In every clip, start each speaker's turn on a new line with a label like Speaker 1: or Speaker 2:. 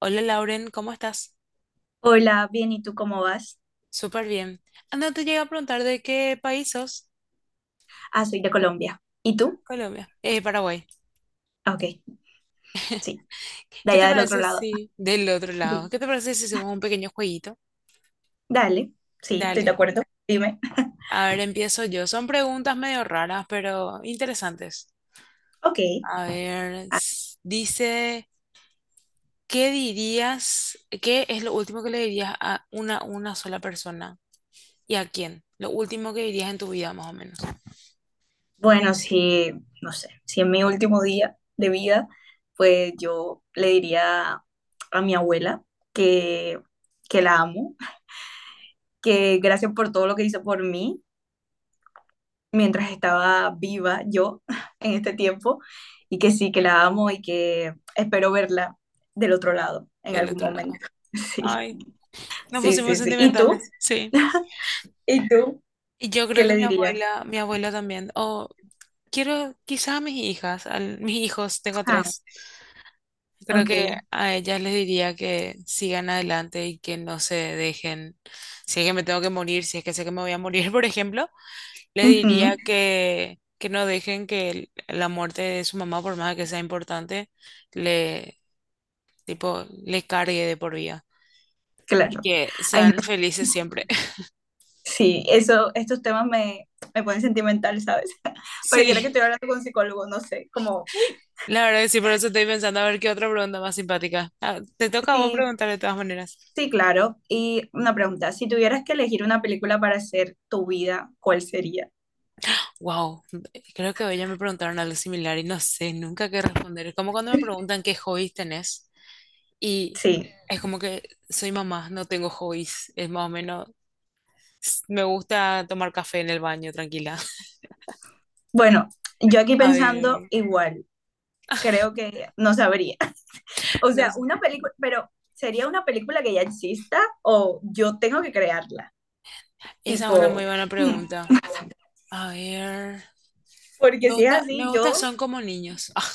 Speaker 1: Hola Lauren, ¿cómo estás?
Speaker 2: Hola, bien, ¿y tú cómo vas?
Speaker 1: Súper bien. Anda, te llega a preguntar de qué país sos.
Speaker 2: Ah, soy de Colombia. ¿Y tú?
Speaker 1: Colombia. Paraguay.
Speaker 2: Ah, Ok, sí, de
Speaker 1: ¿Qué te
Speaker 2: allá del otro
Speaker 1: parece
Speaker 2: lado.
Speaker 1: si del otro lado?
Speaker 2: Di-
Speaker 1: ¿Qué te parece si hacemos un pequeño jueguito?
Speaker 2: Dale, sí, estoy de
Speaker 1: Dale.
Speaker 2: acuerdo. Dime.
Speaker 1: A ver, empiezo yo. Son preguntas medio raras, pero interesantes.
Speaker 2: Ok.
Speaker 1: A ver,
Speaker 2: Ah,
Speaker 1: dice, ¿qué dirías? ¿Qué es lo último que le dirías a una sola persona? ¿Y a quién? Lo último que dirías en tu vida, más o menos.
Speaker 2: bueno, si, no sé, si en mi último día de vida, pues yo le diría a mi abuela que, que la amo, que gracias por todo lo que hizo por mí mientras estaba viva yo en este tiempo y que sí, que la amo y que espero verla del otro lado en
Speaker 1: Del
Speaker 2: algún
Speaker 1: otro
Speaker 2: momento.
Speaker 1: lado.
Speaker 2: Sí,
Speaker 1: Ay, nos
Speaker 2: sí,
Speaker 1: pusimos
Speaker 2: sí, sí. ¿Y tú?
Speaker 1: sentimentales. Sí.
Speaker 2: ¿Y tú
Speaker 1: Yo
Speaker 2: qué
Speaker 1: creo que
Speaker 2: le dirías?
Speaker 1: mi abuela también. O quiero, quizás a mis hijas, a mis hijos, tengo
Speaker 2: Ah,
Speaker 1: tres. Creo que
Speaker 2: ok.
Speaker 1: a ellas les diría que sigan adelante y que no se dejen. Si es que me tengo que morir, si es que sé que me voy a morir, por ejemplo, les
Speaker 2: Ujú,
Speaker 1: diría que no dejen que la muerte de su mamá, por más que sea importante, le, tipo, le cargue de por vida. Y
Speaker 2: claro.
Speaker 1: que
Speaker 2: Ay, no,
Speaker 1: sean felices siempre.
Speaker 2: sí, eso, estos temas me ponen sentimental, ¿sabes? Pareciera que
Speaker 1: Sí.
Speaker 2: estoy hablando con un psicólogo, no sé, como, uy,
Speaker 1: La verdad que sí, por eso estoy pensando a ver qué otra pregunta más simpática. Ah, te toca a vos
Speaker 2: sí,
Speaker 1: preguntar de todas maneras.
Speaker 2: sí, claro. Y una pregunta, si tuvieras que elegir una película para hacer tu vida, ¿cuál sería?
Speaker 1: Wow, creo que hoy ya me preguntaron algo similar y no sé nunca qué responder. Es como cuando me preguntan qué hobbies tenés y
Speaker 2: Sí,
Speaker 1: es como que soy mamá, no tengo hobbies. Es más o menos, me gusta tomar café en el baño, tranquila.
Speaker 2: bueno, yo aquí
Speaker 1: A
Speaker 2: pensando
Speaker 1: ver,
Speaker 2: igual, creo que no sabría. O
Speaker 1: no
Speaker 2: sea,
Speaker 1: sé.
Speaker 2: una película, pero ¿sería una película que ya exista o yo tengo que crearla?
Speaker 1: Esa es una
Speaker 2: Tipo,
Speaker 1: muy buena
Speaker 2: hmm,
Speaker 1: pregunta. A ver,
Speaker 2: porque si es
Speaker 1: me
Speaker 2: así,
Speaker 1: gusta
Speaker 2: yo,
Speaker 1: son como niños. Ah,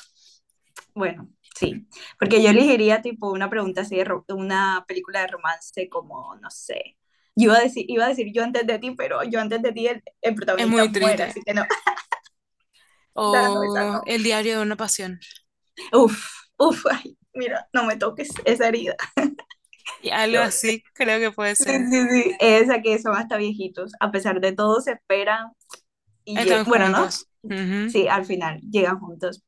Speaker 2: bueno, sí, porque yo elegiría tipo una pregunta así de una película de romance como, no sé. Yo iba a decir yo antes de ti, pero yo antes de ti el
Speaker 1: es
Speaker 2: protagonista
Speaker 1: muy
Speaker 2: muere,
Speaker 1: triste.
Speaker 2: así que no, esa no, esa
Speaker 1: O
Speaker 2: no.
Speaker 1: el diario de una pasión.
Speaker 2: Uf, uf, ay, mira, no me toques esa herida,
Speaker 1: Y algo
Speaker 2: Dios.
Speaker 1: así, creo que puede
Speaker 2: Sí,
Speaker 1: ser.
Speaker 2: sí, sí. Esa que son hasta viejitos. A pesar de todo, se esperan
Speaker 1: Están
Speaker 2: bueno, ¿no?
Speaker 1: juntos. Ujú.
Speaker 2: Sí, al final llegan juntos.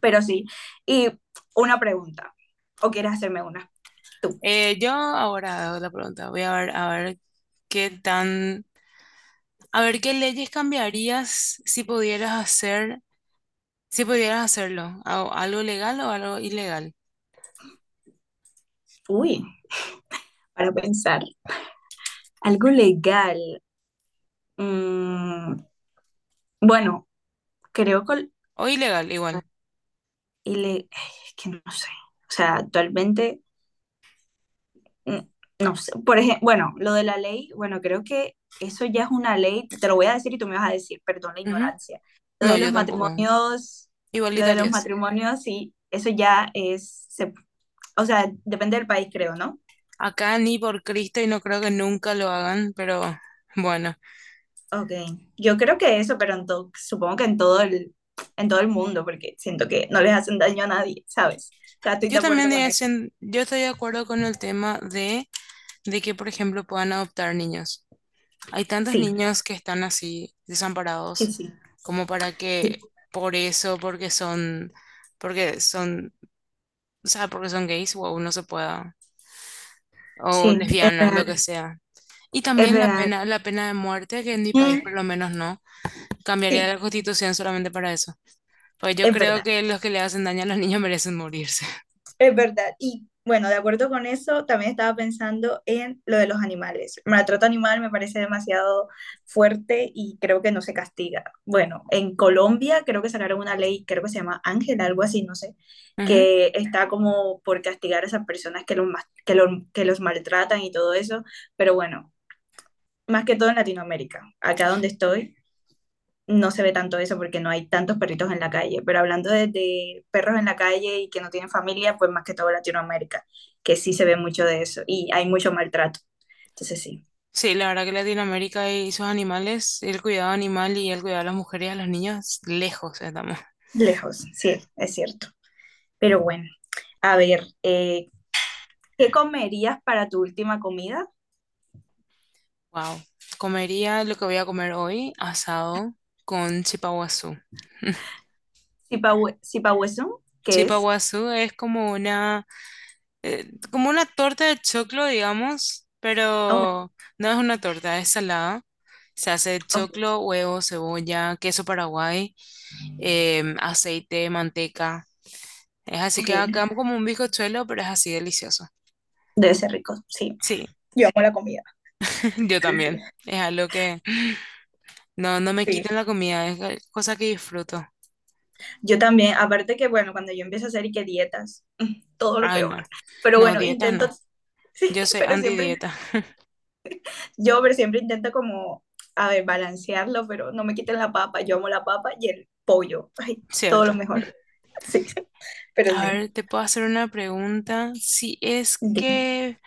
Speaker 2: Pero sí. Y una pregunta. ¿O quieres hacerme una? Tú.
Speaker 1: Yo ahora hago la pregunta. Voy a ver, qué tan, a ver qué leyes cambiarías si pudieras hacer, si pudieras hacerlo. Algo legal o algo ilegal?
Speaker 2: Uy, para pensar. Algo legal. Mm, bueno, creo que...
Speaker 1: O ilegal, igual.
Speaker 2: Y le... Es que no sé. O sea, actualmente... mm, no sé, por ejemplo, bueno, lo de la ley, bueno, creo que eso ya es una ley, te lo voy a decir y tú me vas a decir, perdón la
Speaker 1: Ujú.
Speaker 2: ignorancia. Lo
Speaker 1: No,
Speaker 2: de los
Speaker 1: yo tampoco.
Speaker 2: matrimonios, lo de los
Speaker 1: Igualitarias.
Speaker 2: matrimonios, sí, eso ya es, o sea, depende del país, creo, ¿no?
Speaker 1: Acá ni por Cristo y no creo que nunca lo hagan, pero bueno.
Speaker 2: Ok, yo creo que eso, pero supongo que en en todo el mundo, porque siento que no les hacen daño a nadie, ¿sabes? O sea, estoy de
Speaker 1: Yo también
Speaker 2: acuerdo
Speaker 1: diría,
Speaker 2: con eso.
Speaker 1: yo estoy de acuerdo con el tema de que, por ejemplo, puedan adoptar niños. Hay tantos
Speaker 2: Sí,
Speaker 1: niños que están así,
Speaker 2: sí,
Speaker 1: desamparados,
Speaker 2: sí,
Speaker 1: como para que
Speaker 2: sí,
Speaker 1: por eso, porque son, o sea, porque son gays, o no se pueda, o
Speaker 2: sí, es
Speaker 1: lesbianas, lo que
Speaker 2: real,
Speaker 1: sea. Y
Speaker 2: es
Speaker 1: también
Speaker 2: real.
Speaker 1: la pena de muerte, que en mi país
Speaker 2: Mm,
Speaker 1: por lo menos no, cambiaría
Speaker 2: sí,
Speaker 1: la constitución solamente para eso. Pues yo
Speaker 2: es
Speaker 1: creo
Speaker 2: verdad.
Speaker 1: que los que le hacen daño a los niños merecen morirse.
Speaker 2: Es verdad. Y bueno, de acuerdo con eso, también estaba pensando en lo de los animales. El maltrato animal me parece demasiado fuerte y creo que no se castiga. Bueno, en Colombia creo que sacaron una ley, creo que se llama Ángel, algo así, no sé,
Speaker 1: Ujú.
Speaker 2: que está como por castigar a esas personas que, los mas- que, lo- que los maltratan y todo eso. Pero bueno, más que todo en Latinoamérica. Acá donde estoy, no se ve tanto eso porque no hay tantos perritos en la calle, pero hablando de perros en la calle y que no tienen familia, pues más que todo Latinoamérica, que sí se ve mucho de eso y hay mucho maltrato. Entonces sí,
Speaker 1: Sí, la verdad que Latinoamérica y sus animales, el cuidado animal y el cuidado a las mujeres y a los niños, lejos estamos.
Speaker 2: lejos, sí, es cierto. Pero bueno, a ver, ¿qué comerías para tu última comida?
Speaker 1: Wow. Comería lo que voy a comer hoy, asado con chipaguazú.
Speaker 2: Sipahuesun, ¿qué es?
Speaker 1: Chipaguazú es como una torta de choclo, digamos,
Speaker 2: Oh,
Speaker 1: pero no es una torta, es salada. Se hace de
Speaker 2: ok,
Speaker 1: choclo, huevo, cebolla, queso paraguay, aceite, manteca. Es así
Speaker 2: ok,
Speaker 1: que acá como un bizcochuelo, pero es así delicioso.
Speaker 2: debe ser rico, sí.
Speaker 1: Sí,
Speaker 2: Yo amo la comida,
Speaker 1: yo
Speaker 2: sí,
Speaker 1: también.
Speaker 2: sí.
Speaker 1: Es algo que no me
Speaker 2: Sí,
Speaker 1: quiten la comida, es cosa que disfruto.
Speaker 2: yo también, aparte que, bueno, cuando yo empiezo a hacer y que dietas, todo lo
Speaker 1: Ay, no.
Speaker 2: peor. Pero
Speaker 1: No,
Speaker 2: bueno,
Speaker 1: dietas
Speaker 2: intento,
Speaker 1: no.
Speaker 2: sí,
Speaker 1: Yo soy
Speaker 2: pero siempre,
Speaker 1: antidieta,
Speaker 2: yo pero siempre intento como, a ver, balancearlo, pero no me quiten la papa, yo amo la papa y el pollo, ay, todo
Speaker 1: ¿cierto?
Speaker 2: lo mejor, sí, pero
Speaker 1: A
Speaker 2: sí.
Speaker 1: ver, te puedo hacer una pregunta. Si es
Speaker 2: Sí.
Speaker 1: que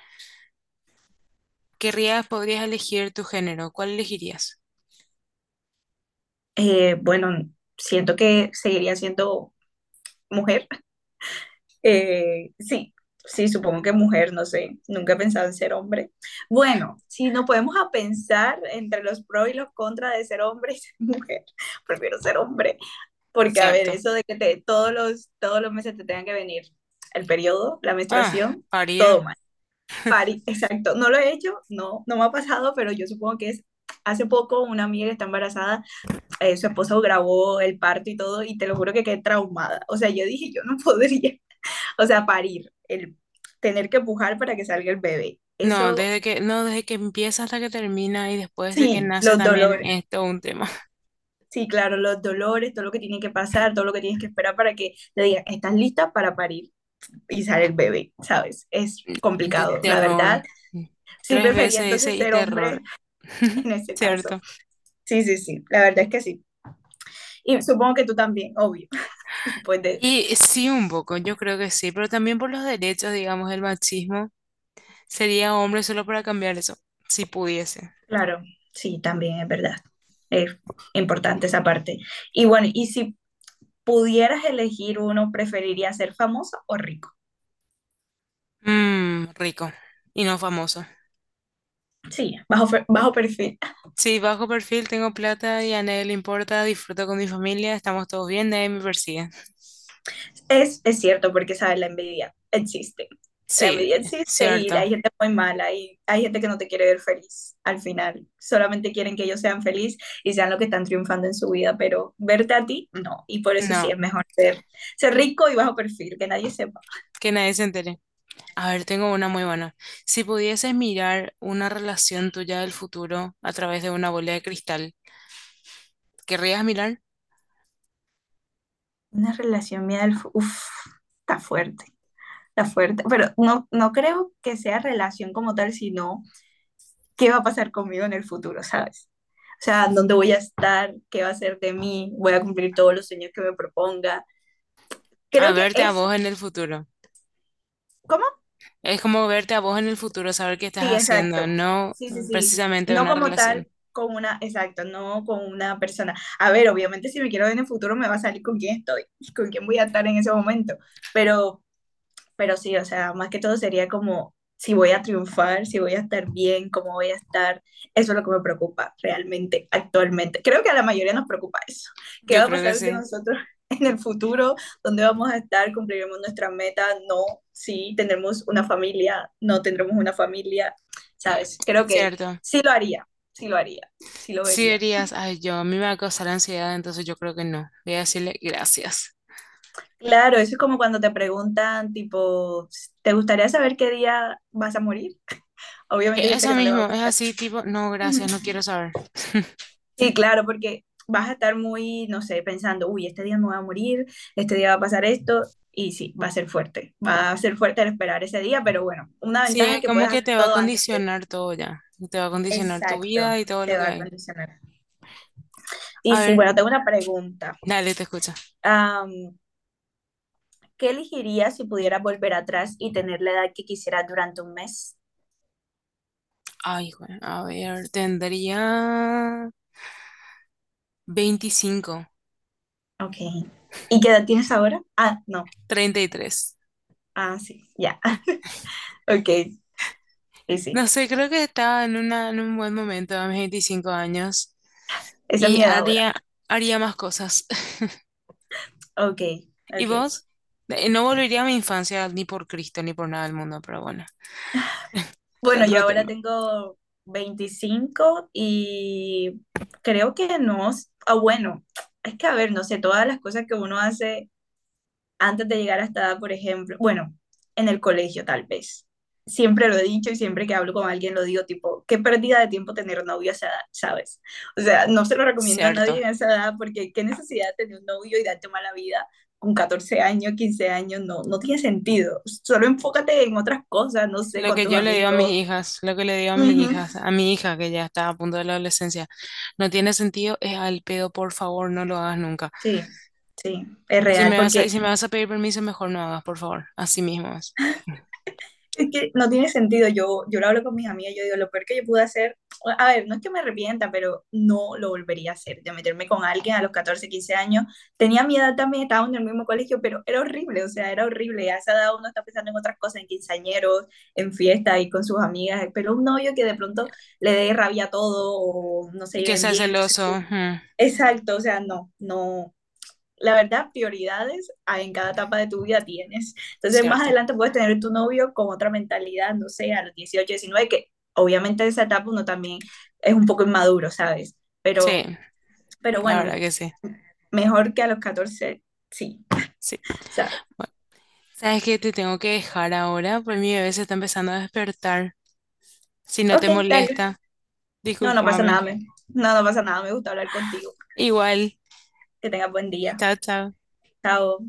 Speaker 1: querrías, podrías elegir tu género, ¿cuál elegirías?
Speaker 2: Bueno, siento que seguiría siendo mujer. Sí, sí, supongo que mujer, no sé, nunca he pensado en ser hombre. Bueno, si nos podemos a pensar entre los pros y los contras de ser hombre y ser mujer, prefiero ser hombre, porque a ver,
Speaker 1: ¿Cierto?
Speaker 2: eso de que te, todos los meses te tengan que venir el periodo, la
Speaker 1: Ah,
Speaker 2: menstruación,
Speaker 1: parir.
Speaker 2: todo mal. Pari, exacto, no lo he hecho, no, no me ha pasado, pero yo supongo que es. Hace poco una amiga que está embarazada, su esposo grabó el parto y todo, y te lo juro que quedé traumada. O sea, yo dije, yo no podría, o sea, parir, el tener que pujar para que salga el bebé.
Speaker 1: No,
Speaker 2: Eso,
Speaker 1: no, desde que empieza hasta que termina y después de que
Speaker 2: sí,
Speaker 1: nace
Speaker 2: los
Speaker 1: también
Speaker 2: dolores.
Speaker 1: es todo un tema.
Speaker 2: Sí, claro, los dolores, todo lo que tiene que pasar, todo lo que tienes que esperar para que te digan, estás lista para parir y sale el bebé, ¿sabes? Es
Speaker 1: Yo,
Speaker 2: complicado, la verdad.
Speaker 1: terror.
Speaker 2: Sí
Speaker 1: Tres veces
Speaker 2: prefería
Speaker 1: ese
Speaker 2: entonces
Speaker 1: y
Speaker 2: ser hombre
Speaker 1: terror.
Speaker 2: en ese caso.
Speaker 1: ¿Cierto?
Speaker 2: Sí, sí, sí, la verdad es que sí. Y supongo que tú también, obvio, después de...
Speaker 1: Y sí, un poco, yo creo que sí, pero también por los derechos, digamos, el machismo. Sería hombre solo para cambiar eso, si pudiese.
Speaker 2: Claro, sí, también es verdad. Es importante esa parte. Y bueno, y si pudieras elegir uno, ¿preferirías ser famosa o rico?
Speaker 1: Mmm, rico y no famoso.
Speaker 2: Sí, bajo, bajo perfil.
Speaker 1: Sí, bajo perfil, tengo plata y a nadie le importa, disfruto con mi familia, estamos todos bien, nadie me persigue.
Speaker 2: Es cierto, porque, ¿sabes? La envidia existe. La
Speaker 1: Sí,
Speaker 2: envidia existe y
Speaker 1: cierto.
Speaker 2: hay gente muy mala y hay gente que no te quiere ver feliz al final. Solamente quieren que ellos sean felices y sean lo que están triunfando en su vida, pero verte a ti, no. Y por eso
Speaker 1: No,
Speaker 2: sí es mejor ser rico y bajo perfil, que nadie sepa.
Speaker 1: que nadie se entere. A ver, tengo una muy buena. Si pudieses mirar una relación tuya del futuro a través de una bola de cristal, ¿querrías mirar?
Speaker 2: Una relación mía Uf, está fuerte, está fuerte. Pero no, no creo que sea relación como tal, sino qué va a pasar conmigo en el futuro, ¿sabes? O sea, dónde voy a estar, qué va a ser de mí, voy a cumplir todos los sueños que me proponga.
Speaker 1: A
Speaker 2: Creo que
Speaker 1: verte a
Speaker 2: eso,
Speaker 1: vos en el futuro.
Speaker 2: ¿cómo?
Speaker 1: Es como verte a vos en el futuro, saber qué estás
Speaker 2: Sí,
Speaker 1: haciendo,
Speaker 2: exacto.
Speaker 1: no
Speaker 2: Sí, sí, sí.
Speaker 1: precisamente
Speaker 2: No
Speaker 1: una
Speaker 2: como tal
Speaker 1: relación.
Speaker 2: con una, exacto, no con una persona. A ver, obviamente si me quiero ver en el futuro me va a salir con quién estoy, con quién voy a estar en ese momento, pero Pero sí, o sea, más que todo sería como si voy a triunfar, si voy a estar bien, cómo voy a estar. Eso es lo que me preocupa realmente actualmente. Creo que a la mayoría nos preocupa eso. ¿Qué
Speaker 1: Yo
Speaker 2: va a
Speaker 1: creo que
Speaker 2: pasar de
Speaker 1: sí,
Speaker 2: nosotros en el futuro? ¿Dónde vamos a estar? ¿Cumpliremos nuestra meta? No, sí, tendremos una familia, no tendremos una familia, ¿sabes? Creo que
Speaker 1: cierto.
Speaker 2: sí lo haría, sí lo haría, sí lo
Speaker 1: Sí
Speaker 2: vería.
Speaker 1: dirías, ay, yo, a mí me va a causar ansiedad, entonces yo creo que no. Voy a decirle gracias.
Speaker 2: Claro, eso es como cuando te preguntan, tipo, ¿te gustaría saber qué día vas a morir? Obviamente hay gente
Speaker 1: Eso
Speaker 2: que no le va a
Speaker 1: mismo, es
Speaker 2: gustar.
Speaker 1: así, tipo, no, gracias, no quiero saber.
Speaker 2: Sí, claro, porque vas a estar muy, no sé, pensando, uy, este día me voy a morir, este día va a pasar esto, y sí, va a ser fuerte, va a ser fuerte el esperar ese día, pero bueno, una
Speaker 1: Sí,
Speaker 2: ventaja es
Speaker 1: es
Speaker 2: que
Speaker 1: como
Speaker 2: puedes
Speaker 1: que
Speaker 2: hacer
Speaker 1: te va a
Speaker 2: todo antes de...
Speaker 1: condicionar todo ya. Te va a condicionar tu
Speaker 2: Exacto,
Speaker 1: vida y todo lo
Speaker 2: te
Speaker 1: que
Speaker 2: va a
Speaker 1: hay.
Speaker 2: condicionar. Y
Speaker 1: A
Speaker 2: sí,
Speaker 1: ver,
Speaker 2: bueno, tengo una pregunta.
Speaker 1: dale, te escucha.
Speaker 2: Am, ¿Qué elegirías si pudieras volver atrás y tener la edad que quisieras durante un mes?
Speaker 1: Ay, hijo, a ver, tendría 25
Speaker 2: Ok. ¿Y qué edad tienes ahora? Ah, no.
Speaker 1: 33.
Speaker 2: Ah, sí, ya. Ok, y
Speaker 1: No
Speaker 2: sí,
Speaker 1: sé, creo que estaba en un buen momento a mis 25 años
Speaker 2: esa es
Speaker 1: y
Speaker 2: mi edad ahora.
Speaker 1: haría, haría más cosas.
Speaker 2: Ok,
Speaker 1: ¿Y
Speaker 2: ok.
Speaker 1: vos? No volvería a mi infancia ni por Cristo ni por nada del mundo, pero bueno, es
Speaker 2: Bueno, yo
Speaker 1: otro
Speaker 2: ahora
Speaker 1: tema.
Speaker 2: tengo 25 y creo que no, ah, bueno, es que a ver, no sé, todas las cosas que uno hace antes de llegar a esta edad, por ejemplo, bueno, en el colegio tal vez. Siempre lo he dicho y siempre que hablo con alguien lo digo, tipo, qué pérdida de tiempo tener novio a esa edad, ¿sabes? O sea, no se lo recomiendo a nadie
Speaker 1: Cierto.
Speaker 2: en esa edad porque qué necesidad de tener un novio y darte mala vida con 14 años, 15 años, no, no tiene sentido. Solo enfócate en otras cosas, no sé,
Speaker 1: Lo
Speaker 2: con
Speaker 1: que
Speaker 2: tus
Speaker 1: yo le digo a mis
Speaker 2: amigos.
Speaker 1: hijas, lo que le digo a mis
Speaker 2: Ujú.
Speaker 1: hijas, a mi hija que ya está a punto de la adolescencia, no tiene sentido, es al pedo, por favor, no lo hagas nunca.
Speaker 2: Sí, sí, es real,
Speaker 1: Y
Speaker 2: porque
Speaker 1: si me vas a pedir permiso, mejor no hagas, por favor, así mismo es.
Speaker 2: es que no tiene sentido. Yo lo hablo con mis amigas, yo digo, lo peor que yo pude hacer, a ver, no es que me arrepienta, pero no lo volvería a hacer, de meterme con alguien a los 14 15 años. Tenía mi edad también, estaba en el mismo colegio, pero era horrible, o sea, era horrible. A esa edad uno está pensando en otras cosas, en quinceañeros, en fiestas y con sus amigas, pero un novio que de pronto le dé rabia a todo o no se
Speaker 1: Y que
Speaker 2: lleven
Speaker 1: sea
Speaker 2: bien, entonces,
Speaker 1: celoso, mm,
Speaker 2: exacto, o sea, no, no. La verdad, prioridades en cada etapa de tu vida tienes. Entonces, más
Speaker 1: cierto.
Speaker 2: adelante puedes tener tu novio con otra mentalidad, no sé, a los 18 19 que obviamente en esa etapa uno también es un poco inmaduro, ¿sabes?
Speaker 1: Sí,
Speaker 2: Pero, pero
Speaker 1: la verdad
Speaker 2: bueno,
Speaker 1: que sí.
Speaker 2: mejor que a los 14 sí,
Speaker 1: Sí.
Speaker 2: ¿sabes?
Speaker 1: Bueno, ¿sabes qué? Te tengo que dejar ahora, pues mi bebé se está empezando a despertar. Si no
Speaker 2: Ok,
Speaker 1: te
Speaker 2: dale.
Speaker 1: molesta,
Speaker 2: No, no pasa
Speaker 1: discúlpame.
Speaker 2: nada, no, no pasa nada, me gusta hablar contigo.
Speaker 1: Igual,
Speaker 2: Que tengas buen día.
Speaker 1: chao, chao.
Speaker 2: Chao.